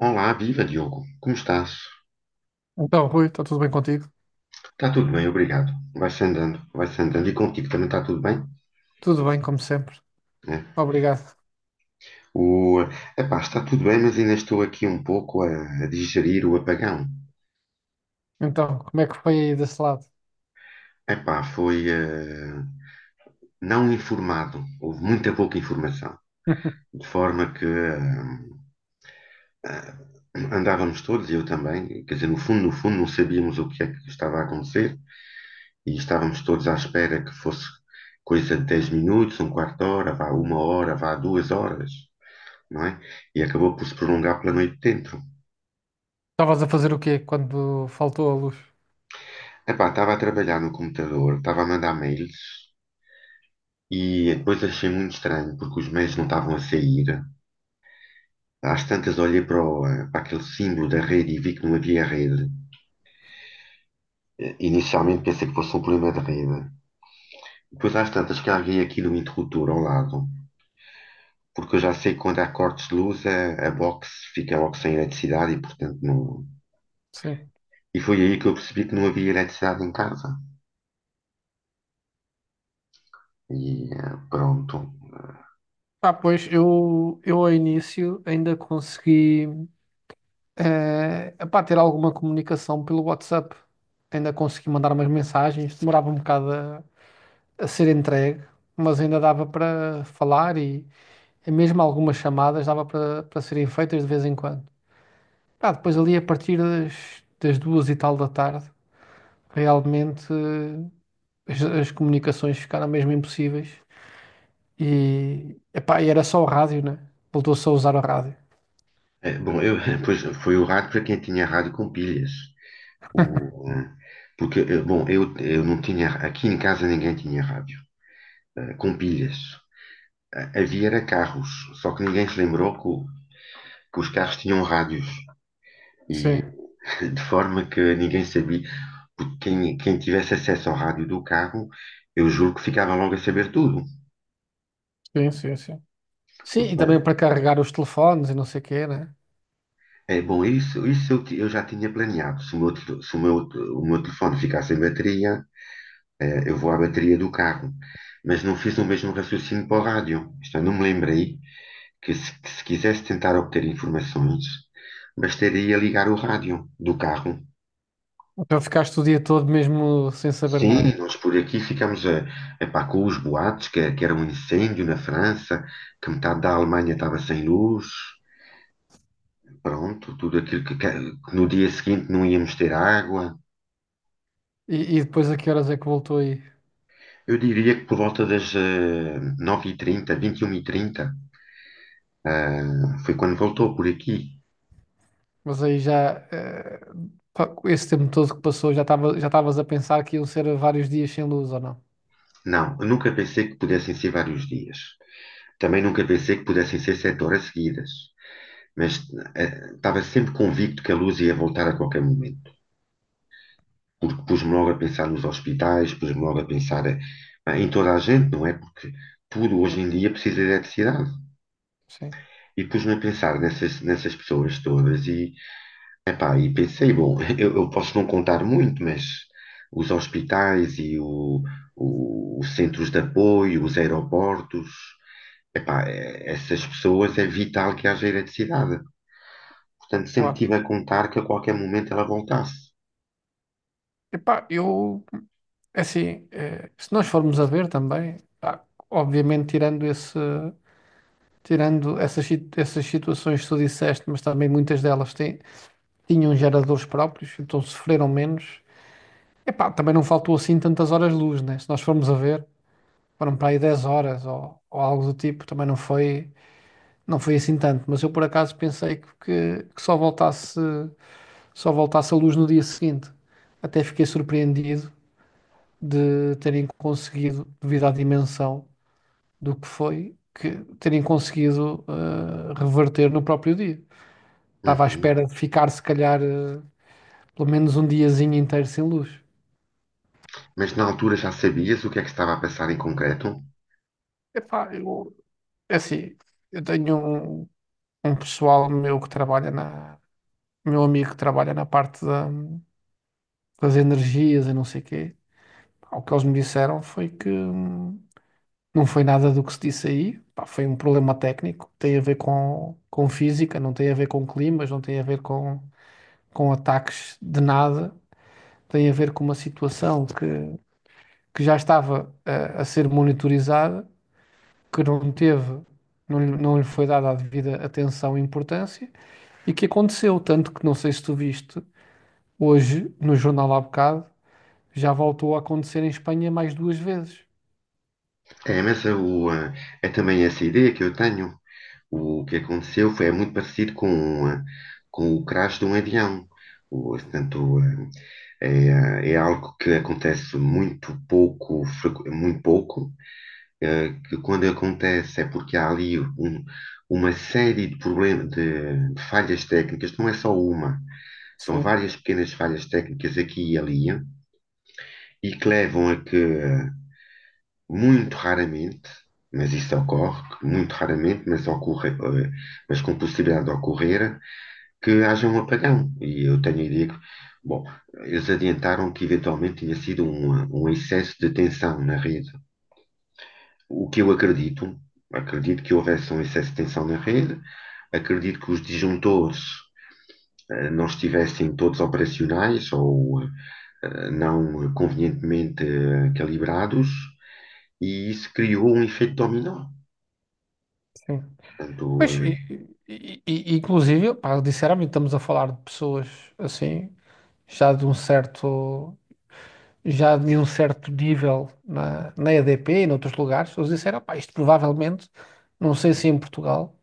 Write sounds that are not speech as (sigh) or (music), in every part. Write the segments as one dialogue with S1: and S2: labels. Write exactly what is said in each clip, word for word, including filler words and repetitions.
S1: Olá, viva Diogo, como estás?
S2: Então, Rui, está tudo bem contigo?
S1: Está tudo bem, obrigado. Vai-se andando, vai-se andando. E contigo também está tudo bem?
S2: Tudo bem, como sempre.
S1: É.
S2: Obrigado.
S1: O, epá, está tudo bem, mas ainda estou aqui um pouco a, a digerir o apagão.
S2: Então, como é que foi aí desse lado?
S1: Epá, foi eh, não informado, houve muita pouca informação,
S2: (laughs)
S1: de forma que eh, eh, andávamos todos, e eu também, quer dizer, no fundo, no fundo, não sabíamos o que é que estava a acontecer e estávamos todos à espera que fosse coisa de dez minutos, um quarto de hora, vá uma hora, vá duas horas, não é? E acabou por se prolongar pela noite dentro.
S2: Estavas a fazer o quê quando faltou a luz?
S1: Epá, estava a trabalhar no computador, estava a mandar mails. E depois achei muito estranho, porque os meios não estavam a sair. Às tantas olhei para, o- para aquele símbolo da rede e vi que não havia rede. Eh, Inicialmente pensei que fosse um problema de rede. Depois às tantas carreguei aqui no interruptor ao lado, porque eu já sei que quando há cortes de luz a, a box fica logo sem eletricidade e portanto não...
S2: Sim.
S1: E foi aí que eu percebi que não havia eletricidade em casa. E eh, pronto.
S2: Ah, pois, eu, eu ao início ainda consegui eh, epá, ter alguma comunicação pelo WhatsApp. Ainda consegui mandar umas mensagens, demorava um bocado a, a ser entregue, mas ainda dava para falar e, e mesmo algumas chamadas dava para para serem feitas de vez em quando. Ah, depois ali a partir das, das duas e tal da tarde, realmente as, as comunicações ficaram mesmo impossíveis. E, epá, e era só o rádio, né? Voltou-se a usar o rádio.
S1: Eh, Bom, eu, (laughs) pois, foi o rádio para quem tinha rádio com pilhas. O, eh, Porque, eh, bom, eu, eu não tinha, aqui em casa ninguém tinha rádio, eh, com pilhas. Ah, havia era carros, só que ninguém se lembrou que, o- que os carros tinham rádios. E
S2: Sim,
S1: (laughs) de forma que ninguém sabia, porque quem, quem tivesse acesso ao rádio do carro, eu juro que ficava logo a saber tudo.
S2: sim, sim, sim. Sim, e
S1: Porque,
S2: também para
S1: eh,
S2: carregar os telefones e não sei o quê, né?
S1: é bom, isso, isso eu, ti- eu já tinha planeado. Se o meu, tel- se o meu, te- o meu telefone ficar sem bateria, eh, eu vou à bateria do carro. Mas não fiz o mesmo raciocínio para o rádio. Isto eu não me lembrei que se, que se quisesse tentar obter informações, bastaria ligar o rádio do carro.
S2: Então ficaste o dia todo mesmo sem saber
S1: Sim,
S2: nada.
S1: nós por aqui ficamos a, epá, com os boatos, que, que era um incêndio na França, que metade da Alemanha estava sem luz, pronto, tudo aquilo que, que- que no dia seguinte não íamos ter água.
S2: E, e depois a que horas é que voltou aí?
S1: Eu diria que por volta das eh, nove e trinta, vinte e uma e trinta, ah, foi quando voltou por aqui.
S2: Mas aí já, eh, pá, esse tempo todo que passou, já estava, já estavas a pensar que iam ser vários dias sem luz ou não?
S1: Não, eu nunca pensei que pudessem ser vários dias. Também nunca pensei que pudessem ser sete horas seguidas. Mas eh, estava sempre convicto que a luz ia voltar a qualquer momento. Porque pus-me logo a pensar nos hospitais, pus-me logo a pensar eh, em toda a gente, não é? Porque tudo hoje
S2: Sim,
S1: em dia precisa de eletricidade.
S2: sim,
S1: E pus-me a pensar nessas, nessas pessoas todas e, epá, e pensei, bom, (laughs) eu, eu posso não contar muito, mas os hospitais e o, o- os centros de apoio, os aeroportos, epá, eh, essas pessoas é vital que haja eletricidade. Portanto, sempre
S2: claro.
S1: tive a contar que a qualquer momento ela voltasse.
S2: Epá, eu é assim, eh, se nós formos a ver também, pá, obviamente tirando esse, tirando essas, si- essas situações que tu disseste, mas também muitas delas têm, tinham geradores próprios, então sofreram menos. Epá, também não faltou assim tantas horas-luz, né? Se nós formos a ver, foram para aí dez horas ou, ou algo do tipo, também não foi, não foi assim tanto. Mas eu por acaso pensei que, que, que só voltasse, só voltasse a luz no dia seguinte. Até fiquei surpreendido de terem conseguido, devido à dimensão do que foi, que terem conseguido eh, reverter no próprio dia. Estava à
S1: Uhum.
S2: espera de ficar, se calhar, eh, pelo menos um diazinho inteiro sem luz.
S1: Mas na altura já sabias o que é que estava a passar em concreto?
S2: Epá, eu, é assim, eu tenho um, um pessoal meu que trabalha na, meu amigo que trabalha na parte da- das energias e não sei quê. Pá, o que eles me disseram foi que hum, não foi nada do que se disse aí. Pá, foi um problema técnico, tem a ver com, com física, não tem a ver com climas, não tem a ver com, com ataques de nada. Tem a ver com uma situação que, que já estava a, a ser monitorizada, que não teve, não, lhe- não lhe foi dada a devida atenção e importância e que aconteceu, tanto que não sei se tu viste, hoje no jornal há bocado, já voltou a acontecer em Espanha mais duas vezes.
S1: É, mas é, eh, é também essa ideia que eu tenho. O que aconteceu foi é muito parecido com, eh, com o crash de um avião. O, portanto, eh, é, é algo que acontece muito pouco, frequ- muito pouco, eh, que quando acontece é porque há ali um- uma série de problemas, de, de falhas técnicas, não é só uma. São
S2: Sim,
S1: várias pequenas falhas técnicas aqui e ali e que levam a que muito raramente, mas isso ocorre, muito raramente, mas, ocorre, eh, mas com possibilidade de ocorrer, que haja um apagão. E eu tenho a ideia que, bom, eles adiantaram que eventualmente tinha sido um, um excesso de tensão na rede. O que eu acredito, acredito que houvesse um excesso de tensão na rede, acredito que os disjuntores eh, não estivessem todos operacionais ou eh, eh, não convenientemente eh, calibrados e isso criou um efeito dominó.
S2: sim.
S1: Portanto,
S2: Pois, e, e- e- inclusive, pá, sinceramente, estamos a falar de pessoas assim, já de um certo, já de um certo nível na, na E D P e noutros lugares. Eles disseram, pá, isto provavelmente, não sei se em Portugal,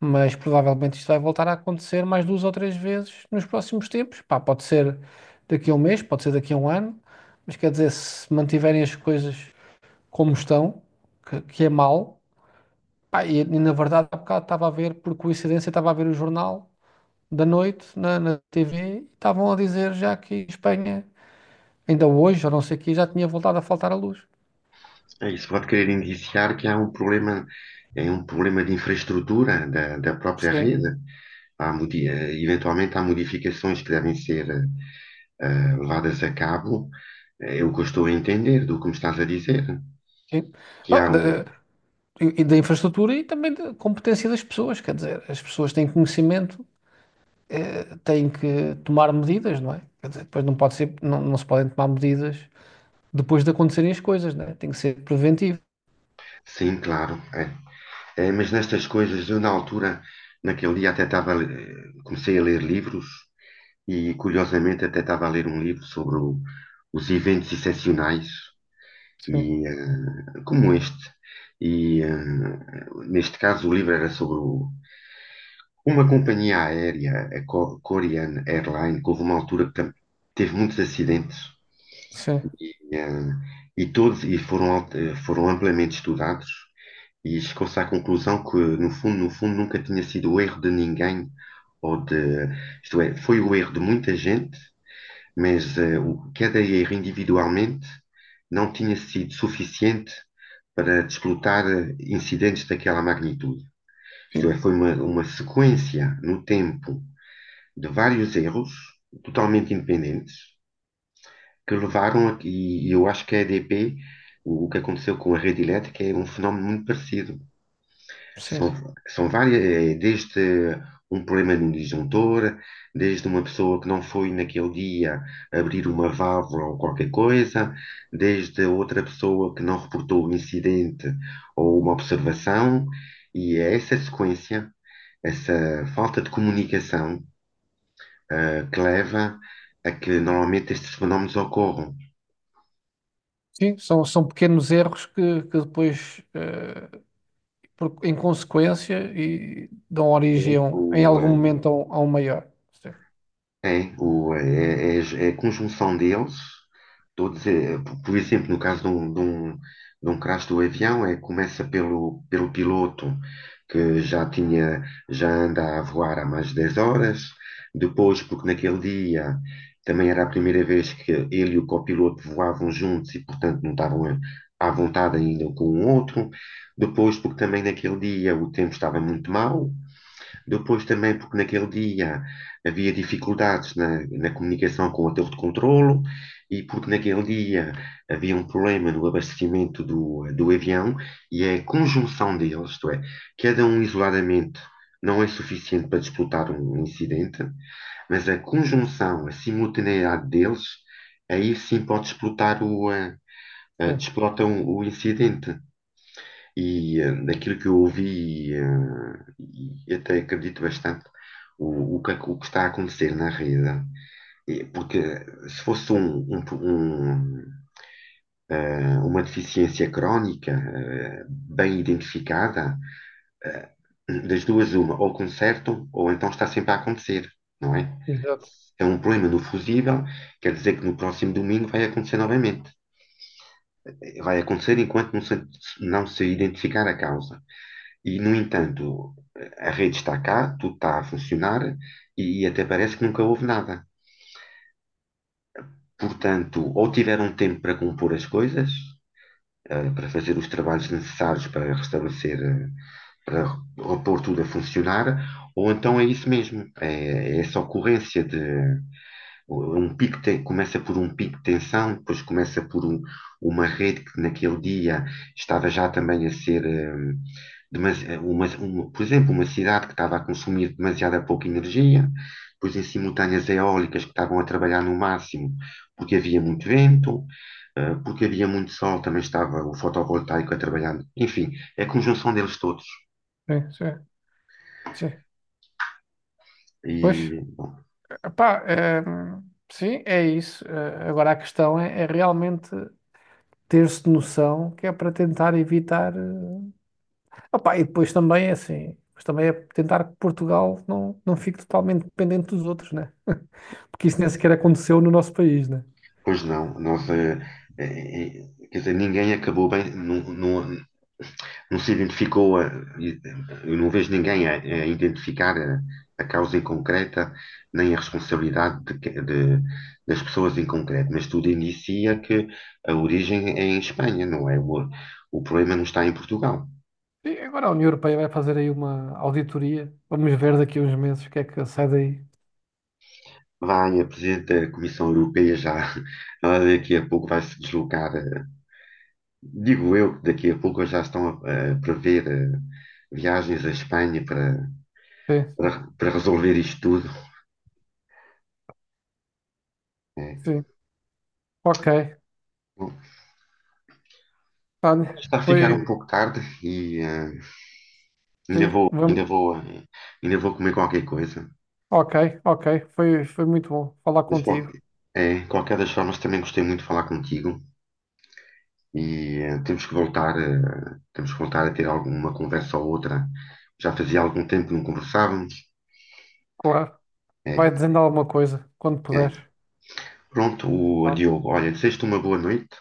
S2: mas provavelmente isto vai voltar a acontecer mais duas ou três vezes nos próximos tempos. Pá, pode ser daqui a um mês, pode ser daqui a um ano, mas quer dizer, se mantiverem as coisas como estão, que, que é mal, pá, e, e na verdade há bocado estava a ver, por coincidência, estava a ver o jornal da noite na, na T V e estavam a dizer já que Espanha, ainda hoje, ou não sei o que, já tinha voltado a faltar a luz.
S1: eh, isso pode querer indiciar que há um problema, é um problema de infraestrutura da, da própria
S2: Sim,
S1: rede. Há, eventualmente há modificações que devem ser uh, levadas a cabo. É é o que eu estou a entender do que me estás a dizer.
S2: sim.
S1: Que há
S2: Ah,
S1: um.
S2: da- eh, e da infraestrutura e também da competência das pessoas, quer dizer, as pessoas têm conhecimento, eh, têm que tomar medidas, não é? Quer dizer, depois não pode ser, não, não se podem tomar medidas depois de acontecerem as coisas, não é? Tem que ser preventivo.
S1: Sim, claro. É. É, mas nestas coisas, eu na altura, naquele dia até estava, eh, comecei a ler livros. E curiosamente até estava a ler um livro sobre o- os eventos excepcionais
S2: Sim,
S1: e eh, como este. E eh, neste caso o livro era sobre o- uma companhia aérea, a Co- Korean Airline, que houve uma altura que tam- teve muitos acidentes
S2: sim,
S1: e, eh, e todos e foram, al- eh, foram amplamente estudados e chegou-se à conclusão que no fundo, no fundo, nunca tinha sido o erro de ninguém ou de, isto é, foi o erro de muita gente, mas eh, o- cada erro individualmente não tinha sido suficiente para desplotar eh, incidentes daquela magnitude. Isto é,
S2: sim,
S1: foi uma, uma sequência no tempo de vários erros totalmente independentes que levaram a, e eu acho que a E D P, o, o que aconteceu com a rede elétrica, é um fenómeno muito parecido. São,
S2: sim.
S1: São várias, é, desde um problema no disjuntor, desde uma pessoa que não foi naquele dia abrir uma válvula ou qualquer coisa, desde outra pessoa que não reportou um incidente ou uma observação, e é essa sequência, essa falta de comunicação, ah, que leva a que normalmente estes fenómenos ocorram.
S2: Sim, são, são pequenos erros que, que depois, eh, por- em consequência, e dão origem
S1: É
S2: a um- em
S1: o,
S2: algum
S1: ah,
S2: momento a um, a um maior. Sim,
S1: É, o, é, é- É a conjunção deles, todos, é, por por exemplo, no caso de um, de um, de um crash do avião, é, começa pelo, pelo piloto, que já tinha, já anda a voar há mais de dez horas, depois, porque naquele dia também era a primeira vez que ele e o copiloto voavam juntos e, portanto, não estavam a- à vontade ainda um com o outro, depois, porque também naquele dia o tempo estava muito mau, depois também, porque naquele dia havia dificuldades na, na comunicação com a torre de controlo e porque naquele dia havia um problema no abastecimento do, do avião e é a conjunção deles, isto é, cada um isoladamente não é suficiente para disputar um um incidente, mas a conjunção, a simultaneidade deles, aí sim pode explotar o, a eh,
S2: sim,
S1: desplota o, o incidente. E eh, daquilo que eu ouvi, eh, e até acredito bastante, o, o que, o que está a acontecer na rede. Eh, porque eh, se fosse um- um- um, eh, uma deficiência crónica, eh, bem identificada, eh, das duas uma, ou consertam, ou então está sempre a acontecer, não é?
S2: exato.
S1: Se é um problema no fusível, quer dizer que no próximo domingo vai acontecer novamente. Eh, Vai acontecer enquanto não se, não se identificar a causa. E, no entanto, a rede está cá, tudo está a funcionar e até parece que nunca houve nada. Portanto, ou tiveram tempo para compor as coisas, eh, para fazer os trabalhos necessários para restabelecer, eh, para repor tudo a funcionar, ou então é isso mesmo, é é essa ocorrência de um pico te- começa por um pico de tensão, depois começa por um- uma rede que naquele dia estava já também a ser, hum, demas- uma- uma- por exemplo, uma cidade que estava a consumir demasiada pouca energia, depois em simultâneo as eólicas que estavam a trabalhar no máximo porque havia muito vento, eh, porque havia muito sol, também estava o fotovoltaico a trabalhar. Enfim, é a conjunção deles todos.
S2: Sim, sim, sim. Pois.
S1: E, bom,
S2: Epá, eh, sim, é isso. Eh, agora a questão é, é realmente ter-se noção que é para tentar evitar. Eh, epá, e depois também é assim, mas também é tentar que Portugal não, não fique totalmente dependente dos outros, né? Porque isso nem sequer aconteceu no nosso país, né?
S1: pois não, nós, eh, eh, eh, quer dizer, ninguém acabou bem, não, não, não se identificou, a, e- eu não vejo ninguém a, a identificar a, a causa em concreta, nem a responsabilidade de que- de- das pessoas em concreto, mas tudo inicia que a origem é em Espanha, não é? O, o problema não está em Portugal.
S2: E agora a União Europeia vai fazer aí uma auditoria. Vamos ver daqui a uns meses o que é que sai daí.
S1: Vai, a Presidente da Comissão Europeia já, (laughs) ela daqui a pouco vai se deslocar. Digo eu que daqui a pouco já estão a, a prever eh, viagens à Espanha para,
S2: Sim, sim,
S1: para, para resolver isto tudo. É.
S2: sim. Ok.
S1: Bom,
S2: Tânia,
S1: está a ficar um
S2: foi.
S1: pouco tarde e eh, ainda
S2: Sim,
S1: vou, ainda
S2: vamos.
S1: vou, eh, ainda vou comer qualquer coisa.
S2: Ok, ok. Foi, foi muito bom falar
S1: Mas
S2: contigo.
S1: qualquer, é, qualquer das formas também gostei muito de falar contigo e eh, temos que voltar, eh, temos que voltar a ter alguma conversa ou outra. Já fazia algum tempo que não conversávamos.
S2: Claro.
S1: É,
S2: Vai dizendo alguma coisa quando
S1: é.
S2: puder.
S1: Pronto, o
S2: Tá bem?
S1: Diogo, olha, desejo-te uma boa noite.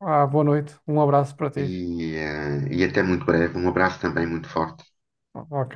S2: Ah, boa noite. Um abraço para ti.
S1: E, eh, e até muito breve. Um abraço também muito forte.
S2: Ok.